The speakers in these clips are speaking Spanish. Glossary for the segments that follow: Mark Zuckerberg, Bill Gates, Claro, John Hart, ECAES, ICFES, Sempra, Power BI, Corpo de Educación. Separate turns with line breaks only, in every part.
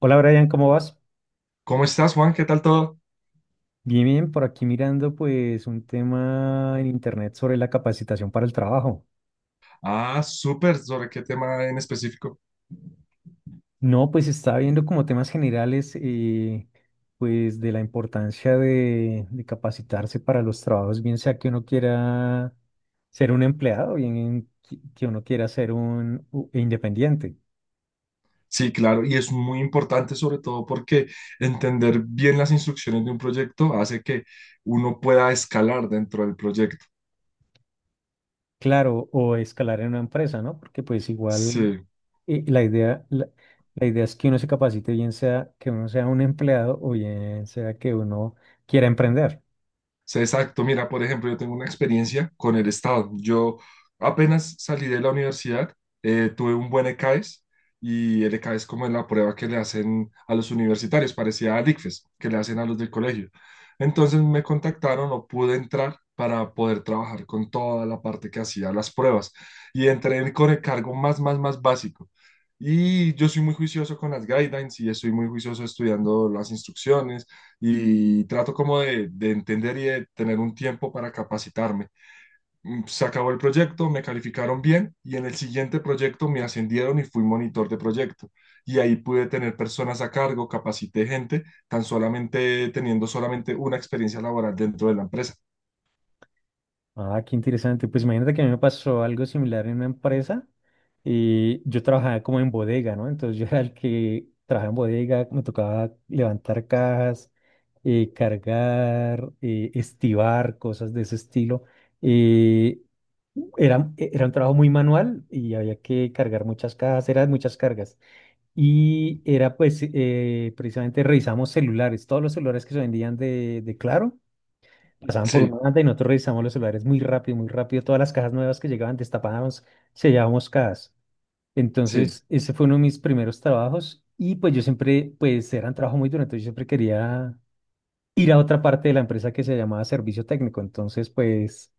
Hola Brian, ¿cómo vas?
¿Cómo estás, Juan? ¿Qué tal todo?
Bien, bien, por aquí mirando pues un tema en internet sobre la capacitación para el trabajo.
Ah, súper. ¿Sobre qué tema en específico?
No, pues estaba viendo como temas generales pues de la importancia de capacitarse para los trabajos, bien sea que uno quiera ser un empleado, bien que uno quiera ser independiente.
Sí, claro, y es muy importante sobre todo porque entender bien las instrucciones de un proyecto hace que uno pueda escalar dentro del proyecto.
Claro, o escalar en una empresa, ¿no? Porque pues igual
Sí.
la idea, la idea es que uno se capacite, bien sea que uno sea un empleado o bien sea que uno quiera emprender.
Sí, exacto. Mira, por ejemplo, yo tengo una experiencia con el Estado. Yo apenas salí de la universidad, tuve un buen ECAES, y el ECAES, como es la prueba que le hacen a los universitarios, parecía al ICFES, que le hacen a los del colegio. Entonces me contactaron, no pude entrar para poder trabajar con toda la parte que hacía las pruebas y entré con el cargo más básico. Y yo soy muy juicioso con las guidelines y estoy muy juicioso estudiando las instrucciones y trato como de entender y de tener un tiempo para capacitarme. Se acabó el proyecto, me calificaron bien y en el siguiente proyecto me ascendieron y fui monitor de proyecto. Y ahí pude tener personas a cargo, capacité gente, tan solamente teniendo solamente una experiencia laboral dentro de la empresa.
Ah, qué interesante. Pues imagínate que a mí me pasó algo similar en una empresa y yo trabajaba como en bodega, ¿no? Entonces yo era el que trabajaba en bodega, me tocaba levantar cajas, cargar, estibar, cosas de ese estilo. Eh, era un trabajo muy manual y había que cargar muchas cajas, eran muchas cargas. Y era pues, precisamente revisamos celulares, todos los celulares que se vendían de Claro, pasaban por
Sí,
una banda y nosotros revisamos los celulares muy rápido, muy rápido. Todas las cajas nuevas que llegaban, destapábamos, sellábamos cajas.
sí,
Entonces, ese fue uno de mis primeros trabajos y pues yo siempre, pues era un trabajo muy duro, entonces yo siempre quería ir a otra parte de la empresa que se llamaba servicio técnico. Entonces, pues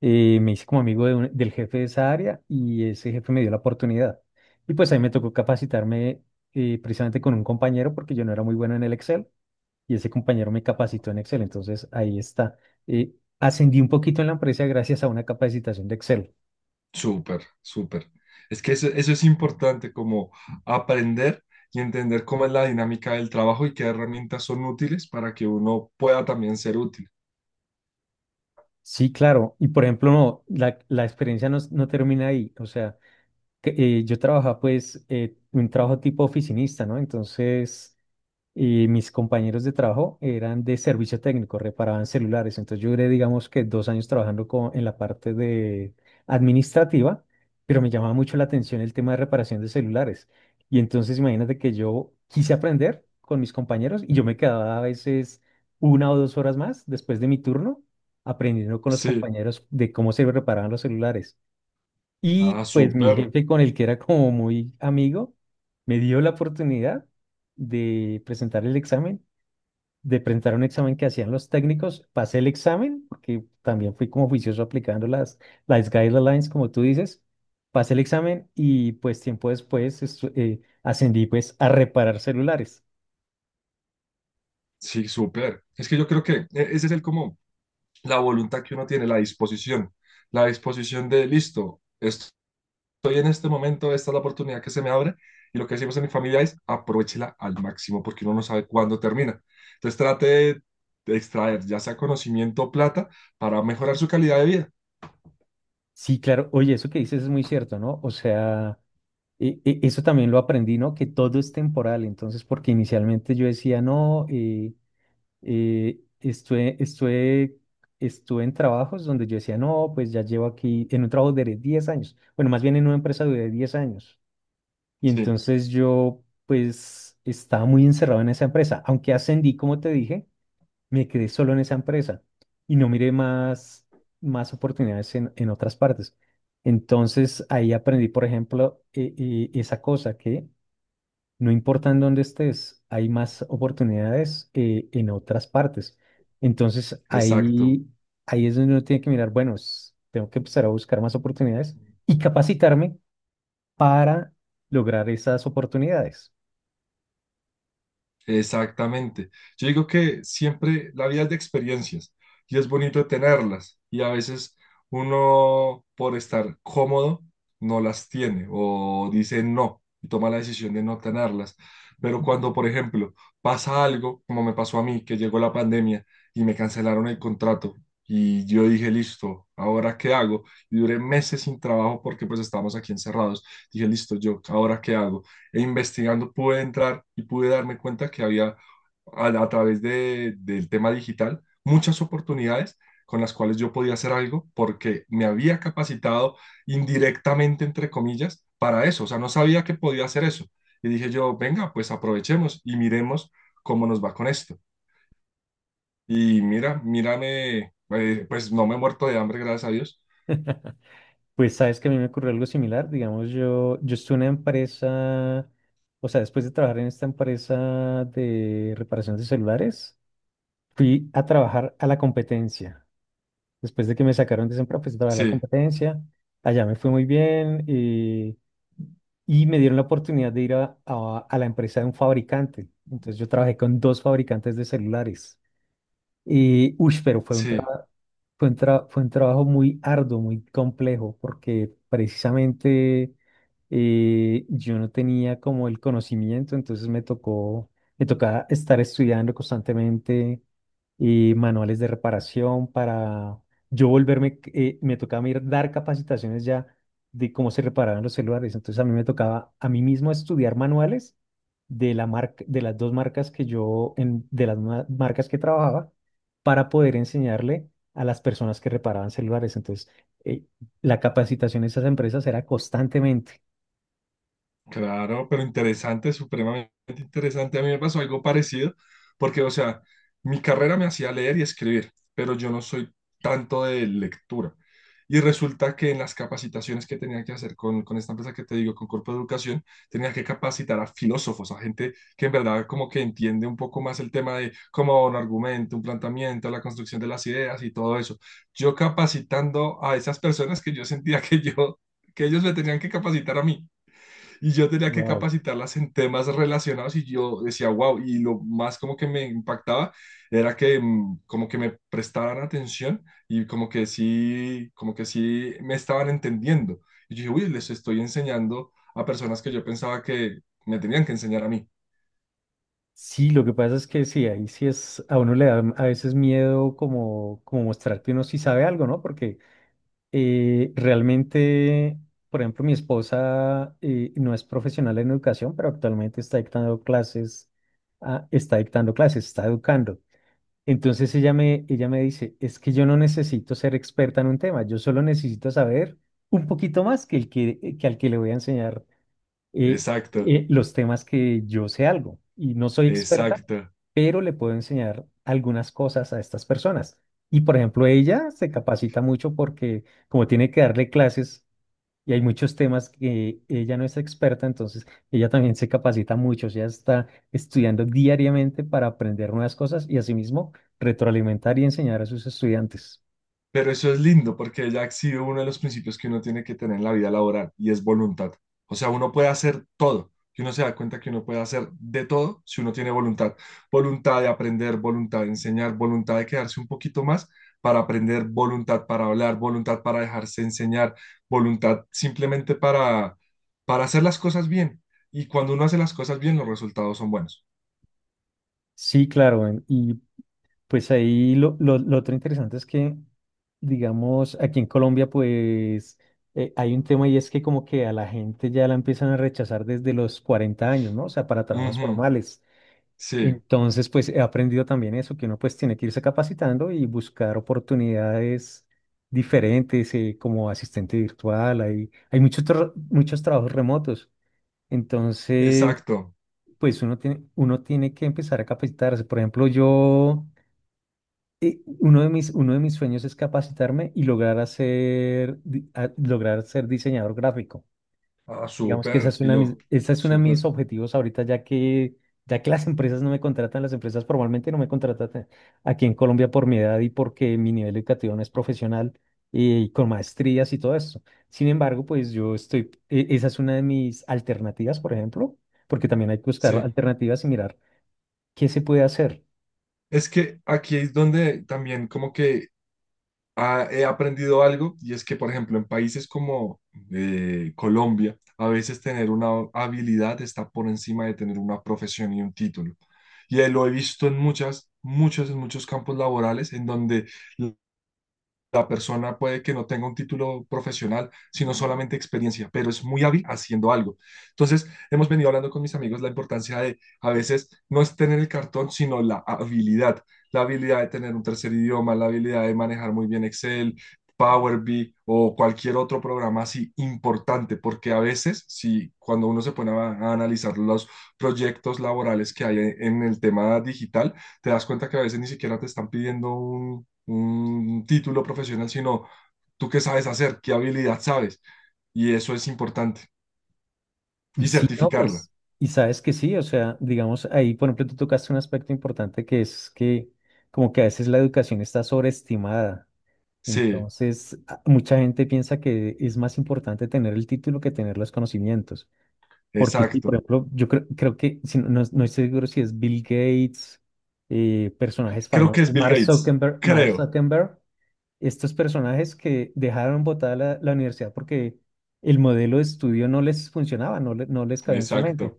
me hice como amigo de del jefe de esa área y ese jefe me dio la oportunidad. Y pues ahí me tocó capacitarme precisamente con un compañero porque yo no era muy bueno en el Excel y ese compañero me capacitó en Excel. Entonces ahí está. eh, Ascendí un poquito en la empresa gracias a una capacitación de Excel.
súper, súper. Es que eso es importante, como aprender y entender cómo es la dinámica del trabajo y qué herramientas son útiles para que uno pueda también ser útil.
Sí, claro. Y por ejemplo, no, la experiencia no, no termina ahí. O sea, que, yo trabajaba pues un trabajo tipo oficinista, ¿no? Entonces, y mis compañeros de trabajo eran de servicio técnico, reparaban celulares. Entonces yo duré, digamos que 2 años trabajando en la parte de administrativa, pero me llamaba mucho la atención el tema de reparación de celulares. Y entonces imagínate que yo quise aprender con mis compañeros y yo me quedaba a veces una o dos horas más después de mi turno aprendiendo con los
Sí.
compañeros de cómo se reparaban los celulares.
Ah,
Y pues mi
súper,
jefe con el que era como muy amigo, me dio la oportunidad de presentar el examen, de presentar un examen que hacían los técnicos. Pasé el examen, porque también fui como juicioso aplicando las guidelines, como tú dices. Pasé el examen y pues tiempo después ascendí pues a reparar celulares.
sí, súper. Es que yo creo que ese es el como la voluntad que uno tiene, la disposición de listo, estoy en este momento, esta es la oportunidad que se me abre y lo que decimos en mi familia es aprovechela al máximo porque uno no sabe cuándo termina. Entonces trate de extraer ya sea conocimiento o plata para mejorar su calidad de vida.
Sí, claro. Oye, eso que dices es muy cierto, ¿no? O sea, eso también lo aprendí, ¿no? Que todo es temporal. Entonces, porque inicialmente yo decía, no, Eh, estuve, estuve, estuve en trabajos donde yo decía, no, pues ya llevo aquí, en un trabajo de 10 años. Bueno, más bien en una empresa de 10 años. Y
Sí,
entonces yo, pues, estaba muy encerrado en esa empresa. Aunque ascendí, como te dije, me quedé solo en esa empresa y no miré más, más oportunidades en otras partes. Entonces ahí aprendí, por ejemplo, esa cosa que no importa en dónde estés, hay más oportunidades en otras partes. Entonces
exacto.
ahí, ahí es donde uno tiene que mirar, bueno, tengo que empezar a buscar más oportunidades y capacitarme para lograr esas oportunidades.
Exactamente. Yo digo que siempre la vida es de experiencias y es bonito tenerlas y a veces uno por estar cómodo no las tiene o dice no y toma la decisión de no tenerlas. Pero cuando, por ejemplo, pasa algo, como me pasó a mí, que llegó la pandemia y me cancelaron el contrato y yo dije, listo, ¿ahora qué hago? Y duré meses sin trabajo porque pues estábamos aquí encerrados. Dije, listo, yo, ¿ahora qué hago? E investigando pude entrar y pude darme cuenta que había a través del tema digital muchas oportunidades con las cuales yo podía hacer algo porque me había capacitado indirectamente, entre comillas, para eso. O sea, no sabía que podía hacer eso. Y dije yo, venga, pues aprovechemos y miremos cómo nos va con esto. Y mira, mírame, pues no me he muerto de hambre, gracias a Dios.
Pues sabes que a mí me ocurrió algo similar, digamos, yo estuve en una empresa, o sea, después de trabajar en esta empresa de reparación de celulares, fui a trabajar a la competencia. Después de que me sacaron de Sempra, pues estaba la
Sí,
competencia. Allá me fue muy bien y me dieron la oportunidad de ir a, a la empresa de un fabricante. Entonces yo trabajé con dos fabricantes de celulares. Y, uy, pero fue un
sí.
trabajo. Fue un trabajo muy arduo, muy complejo, porque precisamente yo no tenía como el conocimiento, entonces me tocó, me tocaba estar estudiando constantemente manuales de reparación para yo volverme, me tocaba ir dar capacitaciones ya de cómo se reparaban los celulares, entonces a mí me tocaba a mí mismo estudiar manuales de la marca, de las dos marcas que yo, en, de las marcas que trabajaba, para poder enseñarle a las personas que reparaban celulares. Entonces, eh, la capacitación de esas empresas era constantemente.
Claro, pero interesante, supremamente interesante. A mí me pasó algo parecido, porque, o sea, mi carrera me hacía leer y escribir, pero yo no soy tanto de lectura. Y resulta que en las capacitaciones que tenía que hacer con esta empresa que te digo, con Corpo de Educación, tenía que capacitar a filósofos, a gente que en verdad como que entiende un poco más el tema de cómo un argumento, un planteamiento, la construcción de las ideas y todo eso. Yo capacitando a esas personas que yo sentía que yo, que ellos me tenían que capacitar a mí. Y yo tenía que
Wow.
capacitarlas en temas relacionados y yo decía, wow, y lo más como que me impactaba era que como que me prestaban atención y como que sí me estaban entendiendo. Y yo dije, uy, les estoy enseñando a personas que yo pensaba que me tenían que enseñar a mí.
Sí, lo que pasa es que sí, ahí sí es, a uno le da a veces miedo como, como mostrar que uno sí sabe algo, ¿no? Porque realmente, por ejemplo, mi esposa no es profesional en educación, pero actualmente está dictando clases, ah, está dictando clases, está educando. Entonces ella me dice, es que yo no necesito ser experta en un tema, yo solo necesito saber un poquito más que, el que al que le voy a enseñar eh,
Exacto,
los temas que yo sé algo. Y no soy experta,
exacto.
pero le puedo enseñar algunas cosas a estas personas. Y por ejemplo, ella se capacita mucho porque como tiene que darle clases y hay muchos temas que ella no es experta, entonces ella también se capacita mucho, o sea, está estudiando diariamente para aprender nuevas cosas y asimismo retroalimentar y enseñar a sus estudiantes.
Pero eso es lindo porque ya ha sido uno de los principios que uno tiene que tener en la vida laboral y es voluntad. O sea, uno puede hacer todo y uno se da cuenta que uno puede hacer de todo si uno tiene voluntad. Voluntad de aprender, voluntad de enseñar, voluntad de quedarse un poquito más para aprender, voluntad para hablar, voluntad para dejarse enseñar, voluntad simplemente para hacer las cosas bien. Y cuando uno hace las cosas bien, los resultados son buenos.
Sí, claro, y pues ahí lo otro interesante es que, digamos, aquí en Colombia, pues hay un tema y es que como que a la gente ya la empiezan a rechazar desde los 40 años, ¿no? O sea, para trabajos
Ujú,
formales.
sí,
Entonces, pues he aprendido también eso, que uno pues tiene que irse capacitando y buscar oportunidades diferentes, como asistente virtual, hay muchos, muchos trabajos remotos. Entonces,
exacto.
pues uno tiene que empezar a capacitarse. Por ejemplo, uno de mis sueños es capacitarme y lograr hacer, lograr ser diseñador gráfico.
Ah,
Digamos que esa
súper,
es
y
una de mis,
lo
esa es una de mis
súper.
objetivos ahorita, ya que las empresas no me contratan, las empresas formalmente no me contratan aquí en Colombia por mi edad y porque mi nivel educativo no es profesional y con maestrías y todo eso. Sin embargo, pues yo estoy, esa es una de mis alternativas, por ejemplo, porque también hay que buscar
Sí.
alternativas y mirar qué se puede hacer.
Es que aquí es donde también como que he aprendido algo y es que, por ejemplo, en países como Colombia, a veces tener una habilidad está por encima de tener una profesión y un título. Y lo he visto en muchos campos laborales en donde la persona puede que no tenga un título profesional, sino solamente experiencia, pero es muy hábil haciendo algo. Entonces, hemos venido hablando con mis amigos la importancia de a veces no es tener el cartón, sino la habilidad de tener un tercer idioma, la habilidad de manejar muy bien Excel, Power BI o cualquier otro programa así importante, porque a veces, si cuando uno se pone a analizar los proyectos laborales que hay en el tema digital, te das cuenta que a veces ni siquiera te están pidiendo un título profesional, sino tú qué sabes hacer, qué habilidad sabes. Y eso es importante.
Y
Y
si no,
certificarla.
pues, y sabes que sí, o sea, digamos, ahí, por ejemplo, tú tocaste un aspecto importante que es que como que a veces la educación está sobreestimada.
Sí,
Entonces, mucha gente piensa que es más importante tener el título que tener los conocimientos. Porque sí, por
exacto.
ejemplo, yo creo, creo que, si no, no estoy seguro si es Bill Gates, personajes
Creo que
famosos,
es Bill Gates.
Mark
Creo.
Zuckerberg, estos personajes que dejaron botada la universidad porque el modelo de estudio no les funcionaba, no, no les cabía en su mente
Exacto.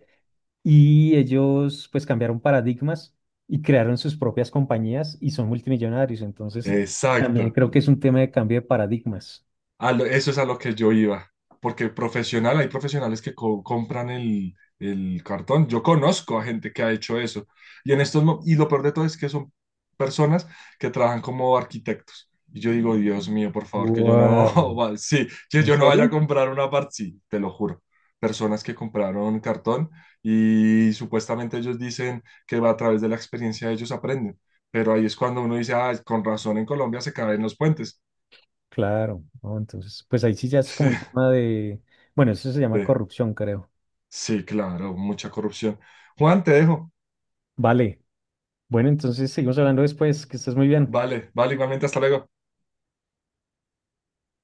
y ellos pues cambiaron paradigmas y crearon sus propias compañías y son multimillonarios. Entonces, también
Exacto.
creo que es un tema de cambio de paradigmas.
A lo- eso es a lo que yo iba, porque profesional, hay profesionales que compran el cartón. Yo conozco a gente que ha hecho eso. Y en estos, y lo peor de todo es que son personas que trabajan como arquitectos. Y yo digo, Dios mío, por favor, que yo no,
Wow.
va- sí, que
¿En
yo no vaya a
serio?
comprar una parte, sí, te lo juro. Personas que compraron cartón y supuestamente ellos dicen que va a través de la experiencia ellos aprenden. Pero ahí es cuando uno dice, ah, con razón en Colombia se caen los puentes.
Claro, ¿no? Entonces, pues ahí sí ya es como un tema de, bueno, eso se
Sí.
llama corrupción, creo.
Sí, claro, mucha corrupción. Juan, te dejo.
Vale, bueno, entonces seguimos hablando después, que estés muy bien.
Vale, vale, igualmente, hasta luego.